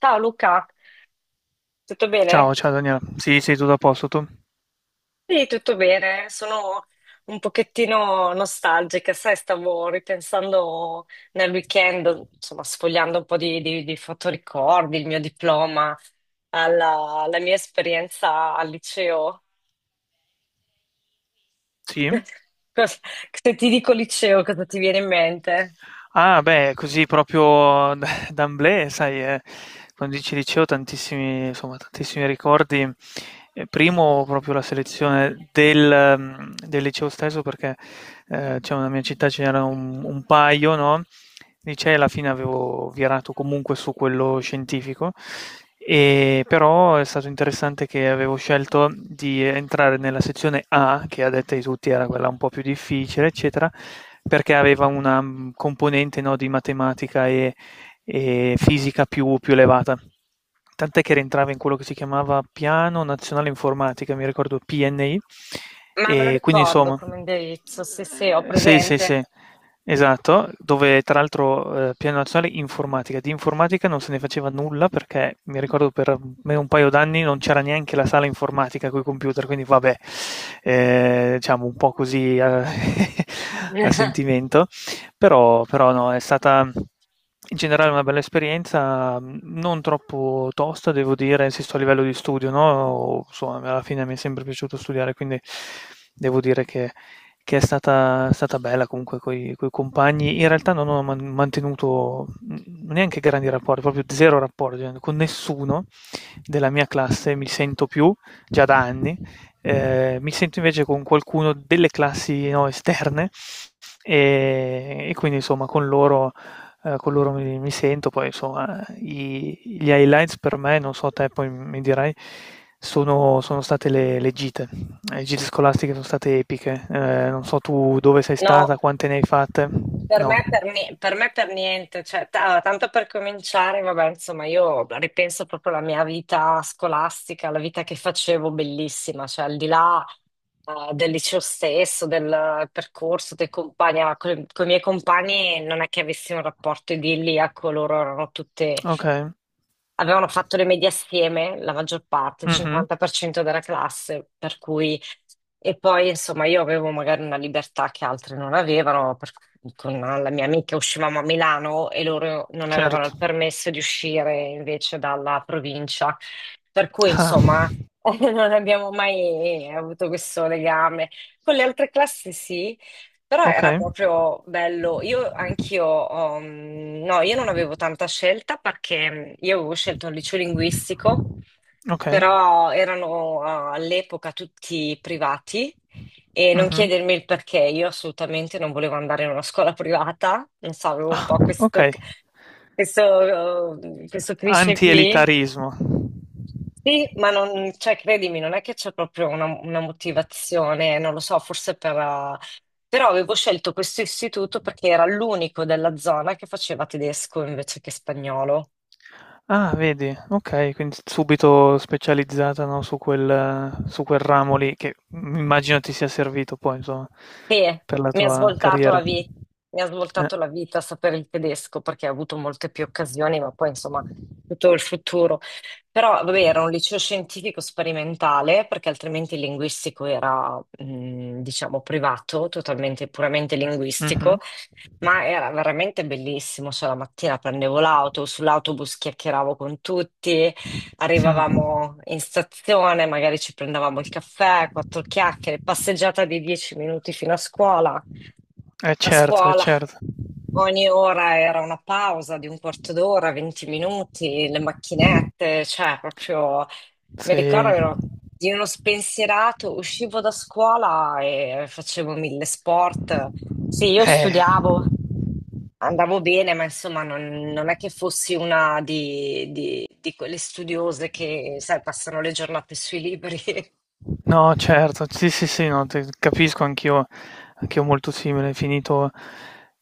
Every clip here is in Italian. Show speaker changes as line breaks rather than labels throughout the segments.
Ciao Luca, tutto bene?
Ciao, ciao Daniela. Sì, sei tutto a posto tu?
Sì, tutto bene. Sono un pochettino nostalgica, sai, stavo ripensando nel weekend, insomma, sfogliando un po' di fotoricordi, il mio diploma, alla mia esperienza al liceo.
Sì?
Cosa- Se ti dico liceo, cosa ti viene in mente?
Ah, beh, così proprio d'emblée, sai, quando dici liceo tantissimi insomma, tantissimi ricordi. Primo proprio la selezione del del liceo stesso perché, diciamo nella mia città ce n'era un paio, no, licei alla fine avevo virato comunque su quello scientifico, però è stato interessante che avevo scelto di entrare nella sezione A, che a detta di tutti era quella un po' più difficile, eccetera, perché aveva una componente no, di matematica e fisica più elevata. Tant'è che rientrava in quello che si chiamava Piano Nazionale Informatica, mi ricordo PNI,
Ma me lo
e quindi
ricordo
insomma,
come indirizzo, sì, sì, ho
sì, sì,
presente.
sì, esatto, dove tra l'altro Piano Nazionale Informatica, di informatica non se ne faceva nulla perché mi ricordo per me un paio d'anni non c'era neanche la sala informatica con i computer, quindi vabbè, diciamo un po' così a, a sentimento. Però no, è stata in generale una bella esperienza, non troppo tosta, devo dire, insisto a livello di studio, no? Insomma, alla fine mi è sempre piaciuto studiare, quindi devo dire che è stata bella comunque con i compagni. In realtà non ho mantenuto neanche grandi rapporti, proprio zero rapporti, con nessuno della mia classe mi sento più, già da anni. Mi sento invece con qualcuno delle classi no, esterne, e quindi insomma con loro mi sento, poi insomma gli highlights per me, non so te poi mi dirai, sono state le gite scolastiche sono state epiche. Non so tu dove sei
No.
stata, quante ne hai fatte, no,
Per me per niente, cioè, allora, tanto per cominciare, vabbè, insomma, io ripenso proprio alla mia vita scolastica, la vita che facevo bellissima, cioè al di là del liceo stesso, del percorso, dei compagni, con, i miei compagni non è che avessi un rapporto idilliaco, loro erano tutte.
ok,
Avevano fatto le medie assieme, la maggior parte, il
mhm,
50% della classe, per cui... E poi, insomma, io avevo magari una libertà che altre non avevano, per cui con la mia amica uscivamo a Milano e loro non avevano
certo,
il permesso di uscire invece dalla provincia. Per cui,
ah,
insomma, non abbiamo mai avuto questo legame. Con le altre classi sì, però
ok,
era proprio bello. Io anch'io, ho, mm, no, Io non avevo tanta scelta perché io avevo scelto un liceo linguistico,
ok,
però erano all'epoca tutti privati e non
mhm.
chiedermi il perché, io assolutamente non volevo andare in una scuola privata, non so, avevo un
Ah,
po'
ok,
questo cliché qui.
antielitarismo.
Sì, ma non, cioè, credimi, non è che c'è proprio una motivazione, non lo so, forse per... però avevo scelto questo istituto perché era l'unico della zona che faceva tedesco invece che spagnolo.
Ah, vedi, okay, quindi subito specializzata, no, su quel ramo lì che, immagino ti sia servito poi insomma,
E
per la
mi ha
tua
svoltato la
carriera.
vita, mi ha
Eh,
svoltato la vita sapere il tedesco perché ho avuto molte più occasioni, ma poi insomma tutto il futuro. Però vabbè, era un liceo scientifico sperimentale perché altrimenti il linguistico era, diciamo, privato, totalmente, puramente linguistico.
mh-mh.
Ma era veramente bellissimo, cioè la mattina prendevo l'auto, sull'autobus chiacchieravo con tutti,
Mh.
arrivavamo in stazione, magari ci prendevamo il caffè, quattro chiacchiere, passeggiata di 10 minuti fino a scuola.
Eh
A
certo, eh
scuola
certo.
ogni ora era una pausa di un quarto d'ora, 20 minuti, le macchinette, cioè proprio mi ricordo
Sì.
ero di uno spensierato, uscivo da scuola e facevo mille sport. Sì, io
Eh.
studiavo, andavo bene, ma insomma non, non è che fossi una di quelle studiose che, sai, passano le giornate sui libri.
No, certo, sì, sì, sì, no, capisco anch'io, anch'io molto simile, finito,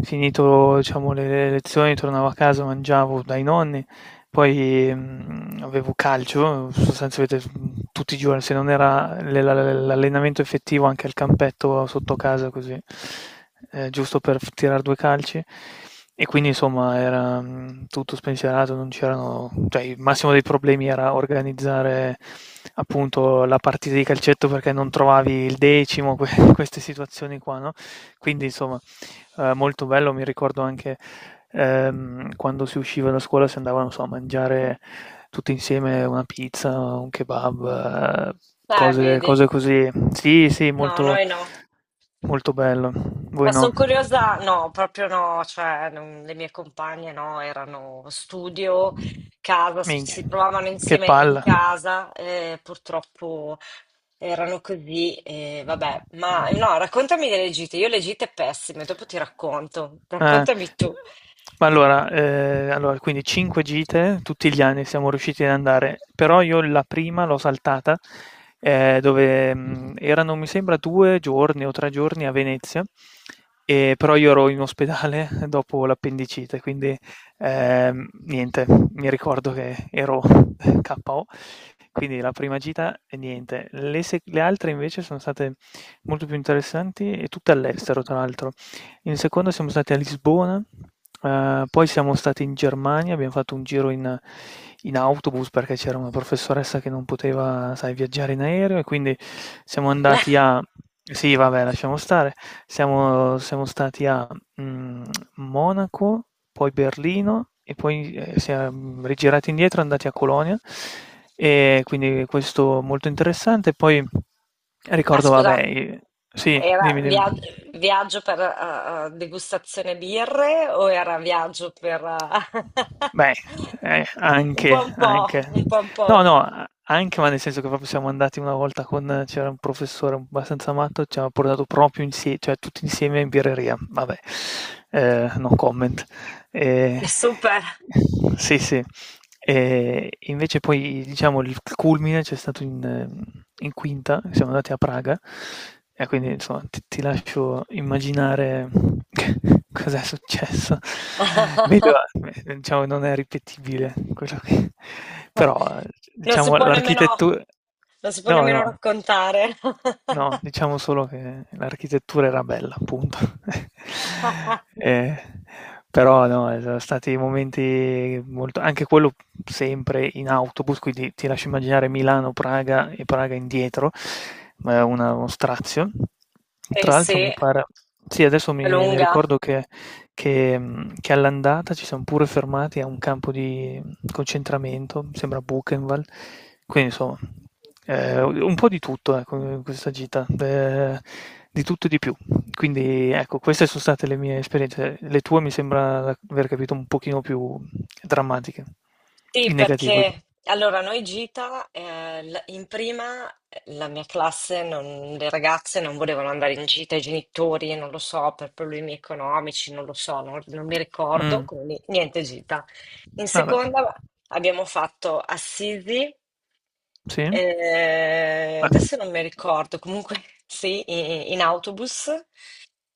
finito, diciamo, le lezioni, tornavo a casa, mangiavo dai nonni, poi avevo calcio, sostanzialmente tutti i giorni, se non era l'allenamento effettivo anche al campetto sotto casa, così, giusto per tirare due calci. E quindi insomma era tutto spensierato, non c'erano, cioè il massimo dei problemi era organizzare appunto la partita di calcetto perché non trovavi il decimo, queste situazioni qua, no? Quindi insomma molto bello, mi ricordo anche quando si usciva da scuola si andava, non so, a mangiare tutti insieme una pizza, un kebab, cose
Vedi?
cose così. Sì, sì,
No,
molto
noi no.
molto bello.
Ma
Voi no?
sono curiosa, no, proprio no, cioè le mie compagne no, erano studio, casa,
Minchia,
si trovavano
che
insieme in
palla.
casa, purtroppo erano così, vabbè. Ma
Mh.
no, raccontami delle gite, io le gite pessime, dopo ti racconto.
Ah,
Raccontami tu.
ma allora, allora quindi 5 gite, tutti gli anni siamo riusciti ad andare, però io la prima l'ho saltata, dove, erano mi sembra 2 giorni o 3 giorni a Venezia, però io ero in ospedale dopo l'appendicite, quindi, niente, mi ricordo che ero KO. Quindi la prima gita e niente. Le se le altre invece sono state molto più interessanti e tutte all'estero tra l'altro. In seconda siamo stati a Lisbona, poi siamo stati in Germania, abbiamo fatto un giro in autobus perché c'era una professoressa che non poteva, sai, viaggiare in aereo e quindi siamo andati a sì, vabbè, lasciamo stare. Siamo stati a, mhmm, Monaco, poi Berlino e poi, siam rigirati indietro e andati a Colonia, e quindi questo molto interessante. Poi
Ah,
ricordo vabbè
scusa.
i sì,
Era
dimmi, dimmi.
via- viaggio per degustazione birre o era viaggio per
Beh,
un po'
anche,
un po',
anche.
un po' un
No,
po'.
no, anche, ma nel senso che proprio siamo andati una volta con, c'era un professore abbastanza matto, ci ha portato proprio insieme, cioè tutti insieme in birreria. Vabbè, no comment. Eh,
Super.
sì, sì. Invece poi diciamo il culmine c'è stato in in quinta, siamo andati a Praga e quindi insomma ti lascio immaginare cos'è successo. Vedo diciamo non è ripetibile quello che però
Non si
diciamo
può nemmeno,
l'architettu
non si può
no,
nemmeno
no.
raccontare.
No, diciamo solo che l'architettura era bella, punto. Eh, però no, sono stati momenti molto... anche quello sempre in autobus, quindi ti lascio immaginare Milano-Praga e Praga indietro, ma è uno strazio.
Eh
Tra l'altro
sì,
mi
è
pare... Sì, adesso mi
lunga.
ricordo che all'andata ci siamo pure fermati a un campo di concentramento, mi sembra Buchenwald. Quindi insomma, un po' di tutto ecco, in questa gita, di tutto e di più. Quindi ecco, queste sono state le mie esperienze. Le tue mi sembra aver capito un pochino più drammatiche,
Sì,
in negativo.
perché allora noi gita, in prima la mia classe, le ragazze non volevano andare in gita, i genitori, non lo so, per problemi economici, non lo so, non, non mi ricordo,
Mm,
quindi niente gita. In
vabbè,
seconda abbiamo fatto Assisi,
sì, beh,
adesso non mi ricordo, comunque sì, in autobus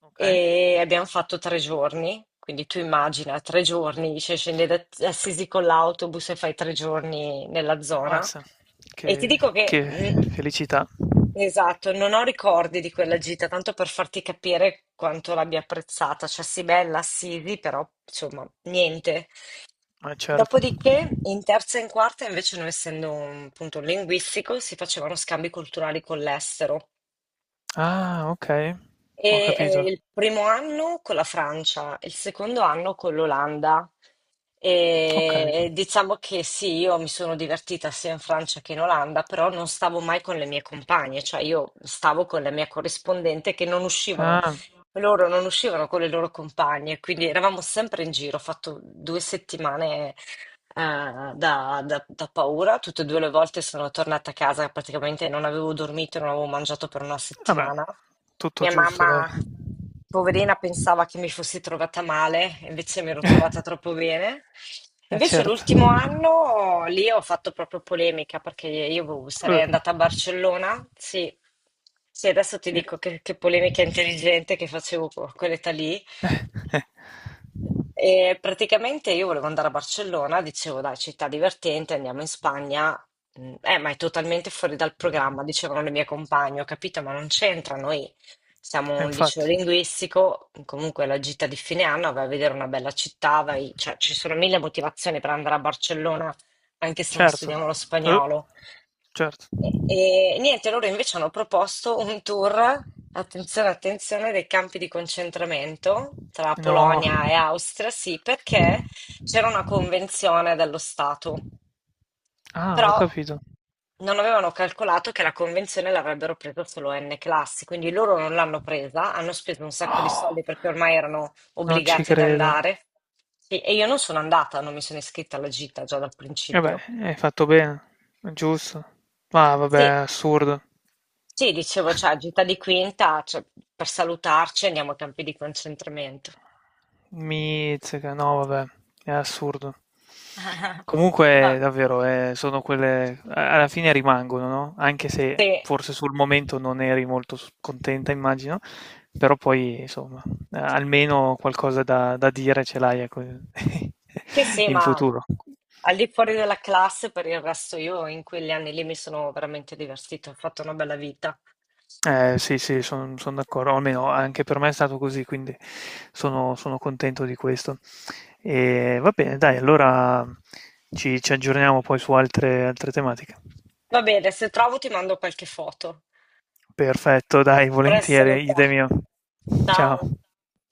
ok,
e abbiamo fatto 3 giorni, quindi tu immagina
mm,
3 giorni, cioè scendi da Assisi con l'autobus e fai 3 giorni nella zona.
ammazza,
E ti dico
che
che,
felicità,
mm, esatto, non ho ricordi di quella gita, tanto per farti capire quanto l'abbia apprezzata, cioè sì, bella Assisi, però insomma, niente.
ma certo.
Dopodiché, in terza e in quarta, invece, non essendo un punto linguistico, si facevano scambi culturali con l'estero.
Ah, ok, ho
E
capito.
il primo anno con la Francia, il secondo anno con l'Olanda.
Ok.
E diciamo che sì, io mi sono divertita sia in Francia che in Olanda, però non stavo mai con le mie compagne, cioè io stavo con la mia corrispondente che non uscivano,
Ah,
loro non uscivano con le loro compagne, quindi eravamo sempre in giro, ho fatto 2 settimane da, da paura, tutte e due le volte sono tornata a casa, praticamente non avevo dormito, non avevo mangiato per una
vabbè,
settimana.
tutto
Mia
giusto,
mamma,
dai.
poverina, pensava che mi fossi trovata male, invece mi ero
Eh,
trovata troppo bene.
eh
Invece
certo.
l'ultimo anno lì ho fatto proprio polemica perché sarei
Eh,
andata a Barcellona. Sì, sì, adesso ti
eh,
dico che polemica intelligente che facevo a quell'età lì.
eh.
E praticamente io volevo andare a Barcellona, dicevo dai, città divertente, andiamo in Spagna. Ma è totalmente fuori dal programma, dicevano le mie compagne, ho capito, ma non c'entra, noi siamo
E
un liceo
infatti,
linguistico, comunque la gita di fine anno, vai a vedere una bella città, cioè, ci sono mille motivazioni per andare a Barcellona, anche se non
certo.
studiamo lo
Eh,
spagnolo.
certo.
E niente, loro invece hanno proposto un tour, attenzione, attenzione, dei campi di concentramento tra
No.
Polonia e Austria, sì, perché c'era una convenzione dello Stato,
Ah, ho
però
capito.
non avevano calcolato che la convenzione l'avrebbero presa solo N classi, quindi loro non l'hanno presa, hanno speso un sacco di
Oh,
soldi perché ormai erano
non ci
obbligati ad
credo.
andare. Sì, e io non sono andata, non mi sono iscritta alla gita già dal
Vabbè,
principio.
hai fatto bene. È giusto. Ma vabbè, è
Sì,
assurdo.
sì, dicevo, cioè, gita di quinta, cioè, per salutarci andiamo ai campi di concentramento.
Mizzica, no vabbè, è assurdo.
Ma
Comunque davvero, sono quelle, alla fine rimangono, no? Anche se
sì,
forse sul momento non eri molto contenta, immagino, però poi insomma, almeno qualcosa da dire ce l'hai ecco,
sì, sì,
in
ma
futuro.
al di fuori della classe, per il resto io in quegli anni lì mi sono veramente divertita, ho fatto una bella vita.
Sì, sì, sono d'accordo, almeno anche per me è stato così, quindi sono contento di questo. E va bene, dai, allora ci aggiorniamo poi su altre tematiche.
Va bene, se trovo ti mando qualche foto.
Perfetto, dai,
A presto,
volentieri,
Luca.
idem mio. Ciao.
Ciao.